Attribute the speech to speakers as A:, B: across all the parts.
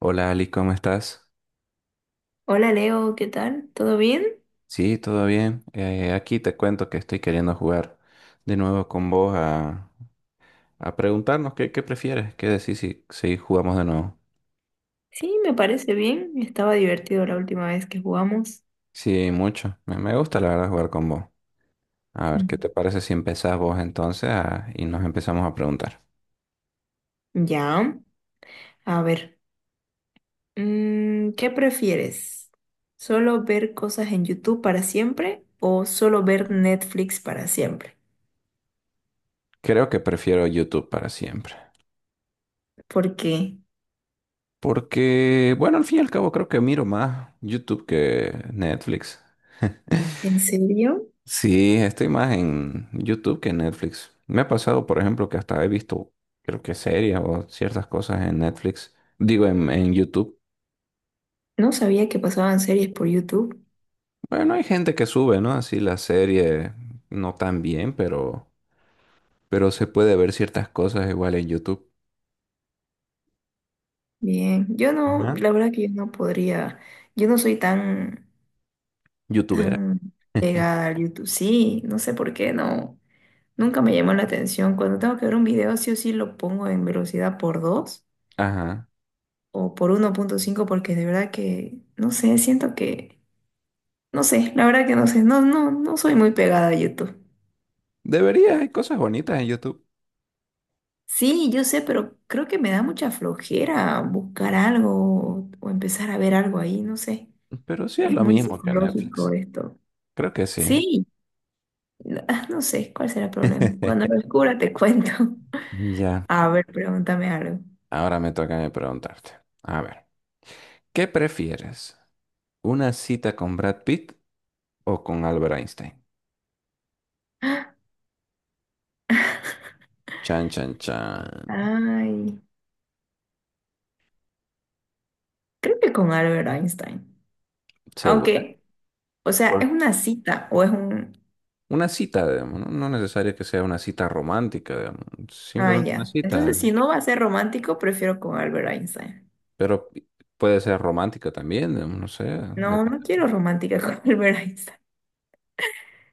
A: Hola Ali, ¿cómo estás?
B: Hola Leo, ¿qué tal? ¿Todo bien?
A: Sí, todo bien. Aquí te cuento que estoy queriendo jugar de nuevo con vos a preguntarnos qué prefieres, qué decís si jugamos de nuevo.
B: Sí, me parece bien. Estaba divertido la última vez que jugamos.
A: Sí, mucho. Me gusta la verdad jugar con vos. A ver, ¿qué te parece si empezás vos entonces y nos empezamos a preguntar?
B: Ya, a ver, ¿qué prefieres? ¿Solo ver cosas en YouTube para siempre o solo ver Netflix para siempre?
A: Creo que prefiero YouTube para siempre.
B: ¿Por qué?
A: Porque, bueno, al fin y al cabo creo que miro más YouTube que Netflix.
B: ¿En serio?
A: Sí, estoy más en YouTube que en Netflix. Me ha pasado, por ejemplo, que hasta he visto, creo que series o ciertas cosas en Netflix. Digo, en YouTube.
B: No sabía que pasaban series por YouTube.
A: Bueno, hay gente que sube, ¿no? Así la serie no tan bien, pero se puede ver ciertas cosas igual en YouTube.
B: Bien, yo no,
A: Ajá.
B: la verdad que yo no podría, yo no soy tan,
A: YouTubera.
B: tan pegada al YouTube. Sí, no sé por qué no. Nunca me llamó la atención. Cuando tengo que ver un video, sí o sí lo pongo en velocidad por 2
A: Ajá.
B: o por 1.5 porque de verdad que, no sé, siento que, no sé, la verdad que no sé, no soy muy pegada a YouTube.
A: Debería, hay cosas bonitas en YouTube,
B: Sí, yo sé, pero creo que me da mucha flojera buscar algo o empezar a ver algo ahí, no sé.
A: pero sí es
B: Es
A: lo
B: muy
A: mismo que en
B: psicológico
A: Netflix.
B: esto.
A: Creo que sí.
B: Sí, no no sé, ¿cuál será el problema? Cuando lo descubra te cuento.
A: Ya,
B: A ver, pregúntame algo.
A: ahora me toca a mí preguntarte. A ver, ¿qué prefieres? ¿Una cita con Brad Pitt o con Albert Einstein? Chan, chan, chan.
B: Ay, creo que con Albert Einstein.
A: ¿Segura?
B: Aunque, o sea,
A: Por
B: ¿es una cita o es un...?
A: una cita, digamos, no necesario que sea una cita romántica, digamos,
B: Ah,
A: simplemente una
B: ya.
A: cita,
B: Entonces, si no va a ser romántico, prefiero con Albert Einstein.
A: pero puede ser romántica también, digamos, no sé,
B: No,
A: depende.
B: no quiero romántica con Albert Einstein.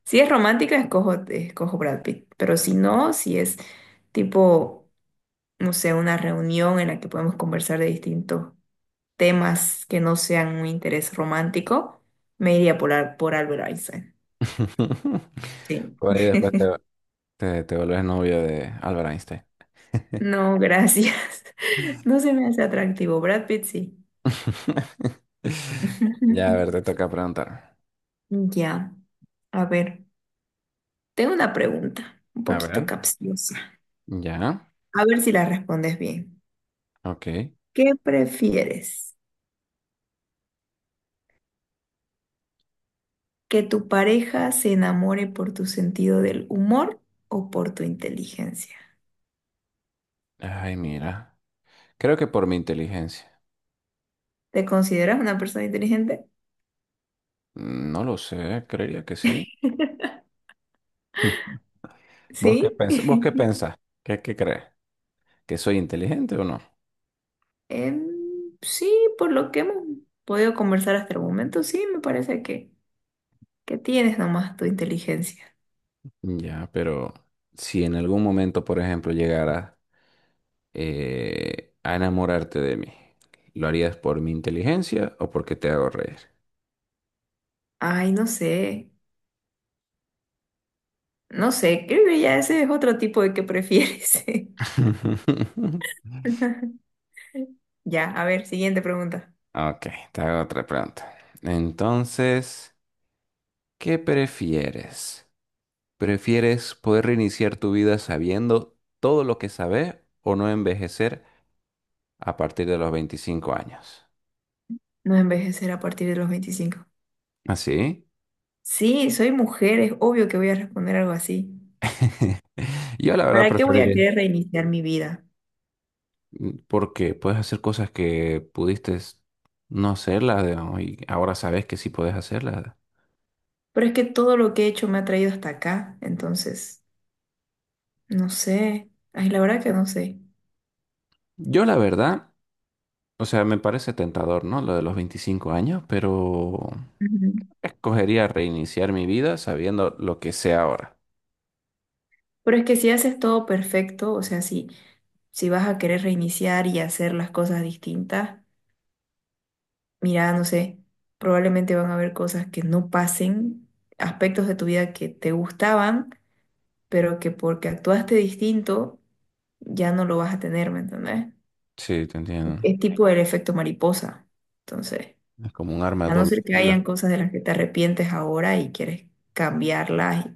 B: Si es romántica, escojo Brad Pitt. Pero si no, si es tipo, no sé, una reunión en la que podemos conversar de distintos temas que no sean un interés romántico, me iría por, por Albert Einstein. Sí.
A: Por ahí después te, te vuelves novio de Albert Einstein.
B: No, gracias. No se me hace atractivo. Brad Pitt sí.
A: Ya, a ver, te toca preguntar.
B: Ya, a ver, tengo una pregunta un
A: A
B: poquito
A: ver,
B: capciosa.
A: ya,
B: A ver si la respondes bien.
A: ok.
B: ¿Qué prefieres? ¿Que tu pareja se enamore por tu sentido del humor o por tu inteligencia?
A: Ay, mira. Creo que por mi inteligencia.
B: ¿Te consideras una persona inteligente?
A: No lo sé, creería que sí. ¿Vos qué
B: ¿Sí?
A: pensás? ¿Vos qué pensás? ¿Qué crees? ¿Que soy inteligente o no?
B: Em, sí, por lo que hemos podido conversar hasta el momento, sí, me parece que tienes nomás tu inteligencia.
A: Ya, pero si en algún momento, por ejemplo, llegaras a enamorarte de mí, ¿lo harías por mi inteligencia o porque te hago reír?
B: Ay, no sé, no sé, creo que ya ese es otro tipo de que prefieres. Ya, a ver, siguiente pregunta.
A: Ok, te hago otra pregunta. Entonces, ¿qué prefieres? ¿Prefieres poder reiniciar tu vida sabiendo todo lo que sabes o no envejecer a partir de los 25 años?
B: ¿No envejecer a partir de los 25?
A: ¿Así?
B: Sí, soy mujer, es obvio que voy a responder algo así.
A: Yo la verdad
B: ¿Para qué voy a
A: preferiría,
B: querer reiniciar mi vida?
A: porque puedes hacer cosas que pudiste no hacerlas, digamos, y ahora sabes que sí puedes hacerlas.
B: Pero es que todo lo que he hecho me ha traído hasta acá, entonces, no sé. Ay, la verdad que no sé.
A: Yo la verdad, o sea, me parece tentador, ¿no? Lo de los 25 años, pero
B: Ujú.
A: escogería reiniciar mi vida sabiendo lo que sé ahora.
B: Pero es que si haces todo perfecto, o sea, si, si vas a querer reiniciar y hacer las cosas distintas, mira, no sé, probablemente van a haber cosas que no pasen, aspectos de tu vida que te gustaban pero que porque actuaste distinto ya no lo vas a tener, ¿me entendés?
A: Sí, te entiendo.
B: Es tipo el efecto mariposa. Entonces,
A: Es como un arma de
B: a no
A: doble
B: ser que
A: filo.
B: hayan cosas de las que te arrepientes ahora y quieres cambiarlas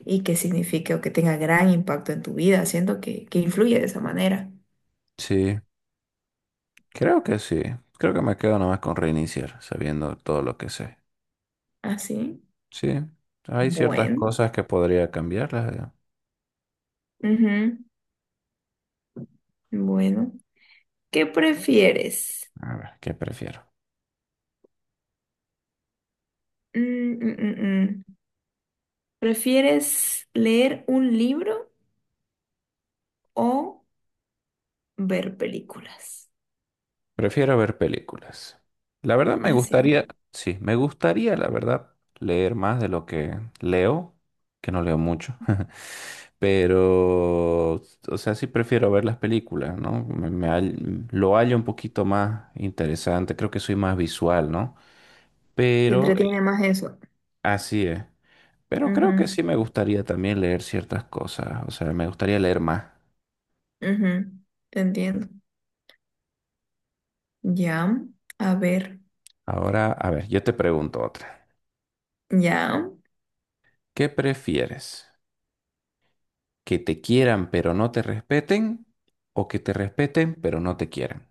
B: y que signifique o que tenga gran impacto en tu vida, siento que influye de esa manera.
A: Sí, sí. Creo que me quedo nomás con reiniciar, sabiendo todo lo que sé.
B: Así.
A: Sí, hay ciertas
B: Bueno.
A: cosas que podría cambiarlas.
B: Ujú. Bueno. ¿Qué prefieres?
A: A ver, ¿qué prefiero?
B: Mm, mm, mm, mm. ¿Prefieres leer un libro o ver películas?
A: Prefiero ver películas. La verdad me gustaría,
B: Así.
A: sí, me gustaría, la verdad, leer más de lo que leo, que no leo mucho. Pero, o sea, sí prefiero ver las películas, ¿no? Lo hallo un poquito más interesante, creo que soy más visual, ¿no?
B: Te
A: Pero,
B: entretiene más eso.
A: así es. Pero creo que
B: Ujú,
A: sí me gustaría también leer ciertas cosas, o sea, me gustaría leer más.
B: ujú, te entiendo. Ya, a ver,
A: Ahora, a ver, yo te pregunto otra.
B: ya,
A: ¿Qué prefieres? ¿Que te quieran pero no te respeten? ¿O que te respeten pero no te quieran?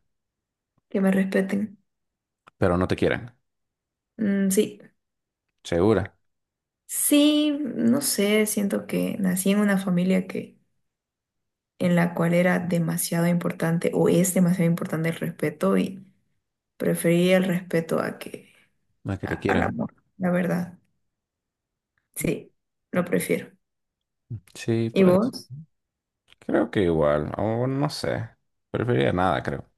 B: que me respeten.
A: Pero no te quieran.
B: Mm, sí,
A: ¿Segura?
B: sí, no sé, siento que nací en una familia que en la cual era demasiado importante o es demasiado importante el respeto y prefería el respeto a que
A: No es que te
B: al
A: quieran.
B: amor, la verdad. Sí, lo prefiero.
A: Sí,
B: ¿Y
A: pues
B: vos?
A: creo que igual, o no sé. Preferiría nada, creo.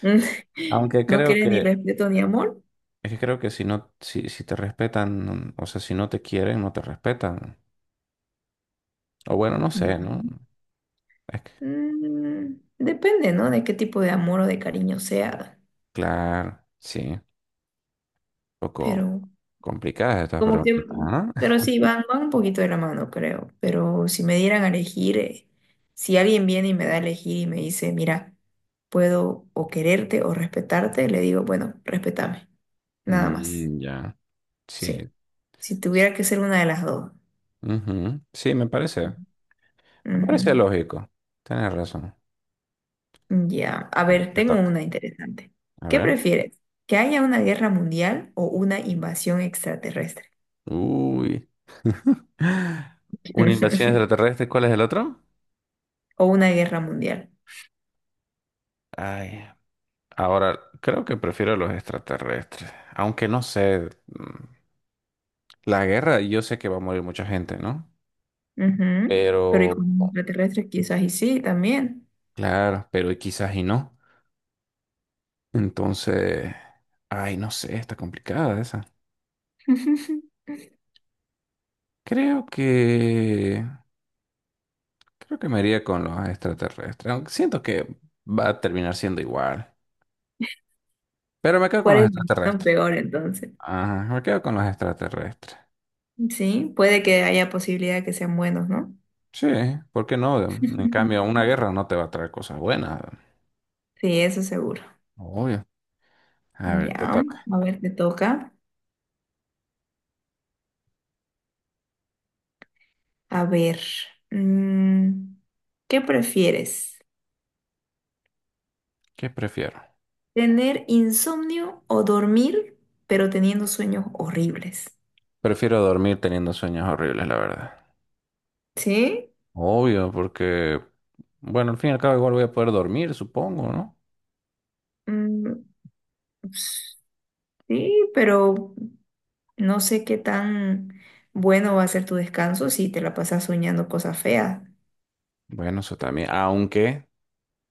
A: Aunque
B: ¿No
A: creo
B: quieres ni
A: que,
B: respeto ni amor?
A: es que creo que si no, si te respetan, o sea, si no te quieren, no te respetan. O bueno, no
B: Ya.
A: sé, ¿no? Es que,
B: Mm, depende, ¿no? De qué tipo de amor o de cariño sea,
A: claro, sí, un poco
B: pero
A: complicadas estas
B: como que,
A: preguntitas, ¿no?
B: pero sí, van un poquito de la mano, creo, pero si me dieran a elegir, si alguien viene y me da a elegir y me dice, mira, puedo o quererte o respetarte, le digo, bueno, respétame, nada más,
A: Mm, ya.
B: sí,
A: Sí.
B: si tuviera que ser una de las dos.
A: Ujú, sí, me parece. Me parece lógico. Tienes razón.
B: Ujú. Ya, a
A: Bueno,
B: ver,
A: te
B: tengo
A: toca.
B: una interesante.
A: A
B: ¿Qué
A: ver.
B: prefieres? ¿Que haya una guerra mundial o una invasión extraterrestre?
A: Uy. Una invasión extraterrestre. ¿Cuál es el otro?
B: O una guerra mundial.
A: Ay. Ahora, creo que prefiero los extraterrestres. Aunque no sé. La guerra, yo sé que va a morir mucha gente, ¿no?
B: Ujú. Pero y con
A: Pero,
B: extraterrestres quizás y sí también.
A: claro, pero y quizás y no. Entonces, ay, no sé, está complicada esa. Creo que... Creo que me iría con los extraterrestres. Aunque siento que va a terminar siendo igual. Pero me quedo con
B: ¿Cuál
A: los
B: es la opción
A: extraterrestres.
B: peor entonces?
A: Ajá, me quedo con los extraterrestres.
B: Sí, puede que haya posibilidad de que sean buenos, ¿no?
A: Sí, ¿por qué no? En cambio, una guerra no te va a traer cosas buenas.
B: Sí, eso seguro.
A: Obvio. A ver, te
B: Ya,
A: toca.
B: a ver, te toca. A ver, mm, ¿qué prefieres?
A: ¿Qué prefiero?
B: ¿Tener insomnio o dormir, pero teniendo sueños horribles?
A: Prefiero dormir teniendo sueños horribles, la verdad.
B: Sí,
A: Obvio, porque, bueno, al fin y al cabo igual voy a poder dormir, supongo, ¿no?
B: mm, sí, pero no sé qué tan bueno va a ser tu descanso si te la pasas soñando cosas feas.
A: Bueno, eso también. Aunque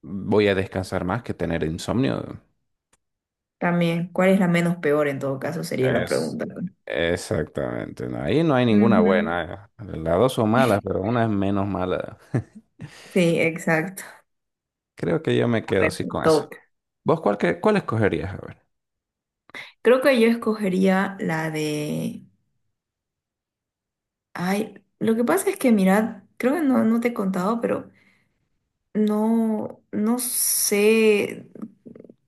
A: voy a descansar más que tener insomnio.
B: También, ¿cuál es la menos peor en todo caso? Sería la
A: Es,
B: pregunta.
A: Exactamente. No, ahí no hay ninguna
B: Ujú.
A: buena. Las dos son malas, pero una es menos mala.
B: Sí, exacto.
A: Creo que yo me
B: A
A: quedo
B: ver,
A: así
B: te
A: con eso.
B: toca.
A: ¿Vos cuál, cuál escogerías? A ver.
B: Creo que yo escogería la de... Ay, lo que pasa es que, mirad, creo que no, no te he contado, pero no, no sé,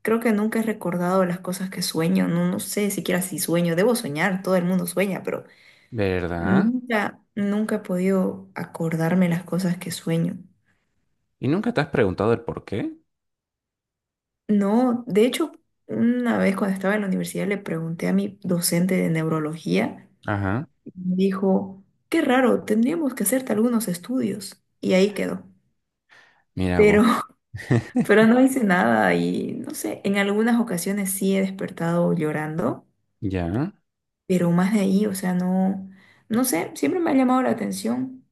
B: creo que nunca he recordado las cosas que sueño, no, no sé siquiera si sueño, debo soñar, todo el mundo sueña, pero...
A: ¿Verdad?
B: Nunca, nunca he podido acordarme las cosas que sueño.
A: ¿Y nunca te has preguntado el por qué?
B: No, de hecho, una vez cuando estaba en la universidad le pregunté a mi docente de neurología
A: Ajá.
B: y me dijo, qué raro, tendríamos que hacerte algunos estudios. Y ahí quedó.
A: Mira vos.
B: Pero, pero no hice nada y no sé, en algunas ocasiones sí he despertado llorando,
A: Ya.
B: pero más de ahí, o sea, no, no sé, siempre me ha llamado la atención.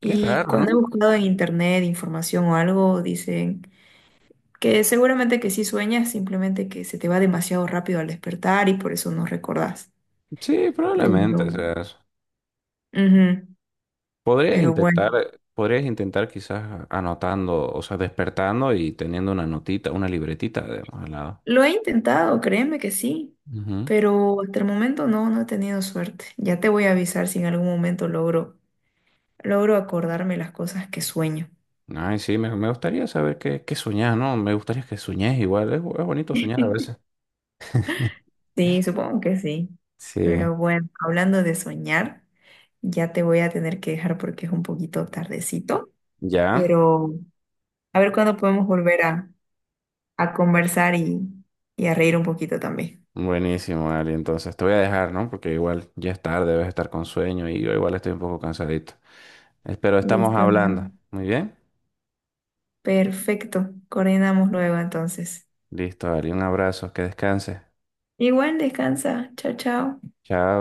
A: Qué
B: Y
A: raro, ¿no?
B: cuando he buscado en internet información o algo, dicen... Que seguramente que sí sueñas, simplemente que se te va demasiado rápido al despertar y por eso no recordás.
A: Sí, probablemente.
B: Pero,
A: O sea,
B: ujú,
A: podrías
B: pero
A: intentar,
B: bueno,
A: podrías intentar quizás anotando, o sea, despertando y teniendo una notita, una libretita, digamos, al lado.
B: lo he intentado, créeme que sí,
A: Ujú.
B: pero hasta el momento no, no he tenido suerte. Ya te voy a avisar si en algún momento logro, logro acordarme las cosas que sueño.
A: Ay, sí, me gustaría saber qué, qué soñás, ¿no? Me gustaría que soñés igual, es bonito soñar a veces.
B: Sí, supongo que sí.
A: Sí,
B: Pero bueno, hablando de soñar, ya te voy a tener que dejar porque es un poquito tardecito.
A: ya.
B: Pero a ver cuándo podemos volver a conversar y a reír un poquito también.
A: Buenísimo, Ari. Entonces te voy a dejar, ¿no? Porque igual ya es tarde, debes estar con sueño y yo igual estoy un poco cansadito. Espero estamos
B: Listo, Leo.
A: hablando. Muy bien.
B: Perfecto. Coordinamos luego entonces.
A: Listo, Ari. Un abrazo, que descanses.
B: Igual, descansa. Chao, chao.
A: Chao.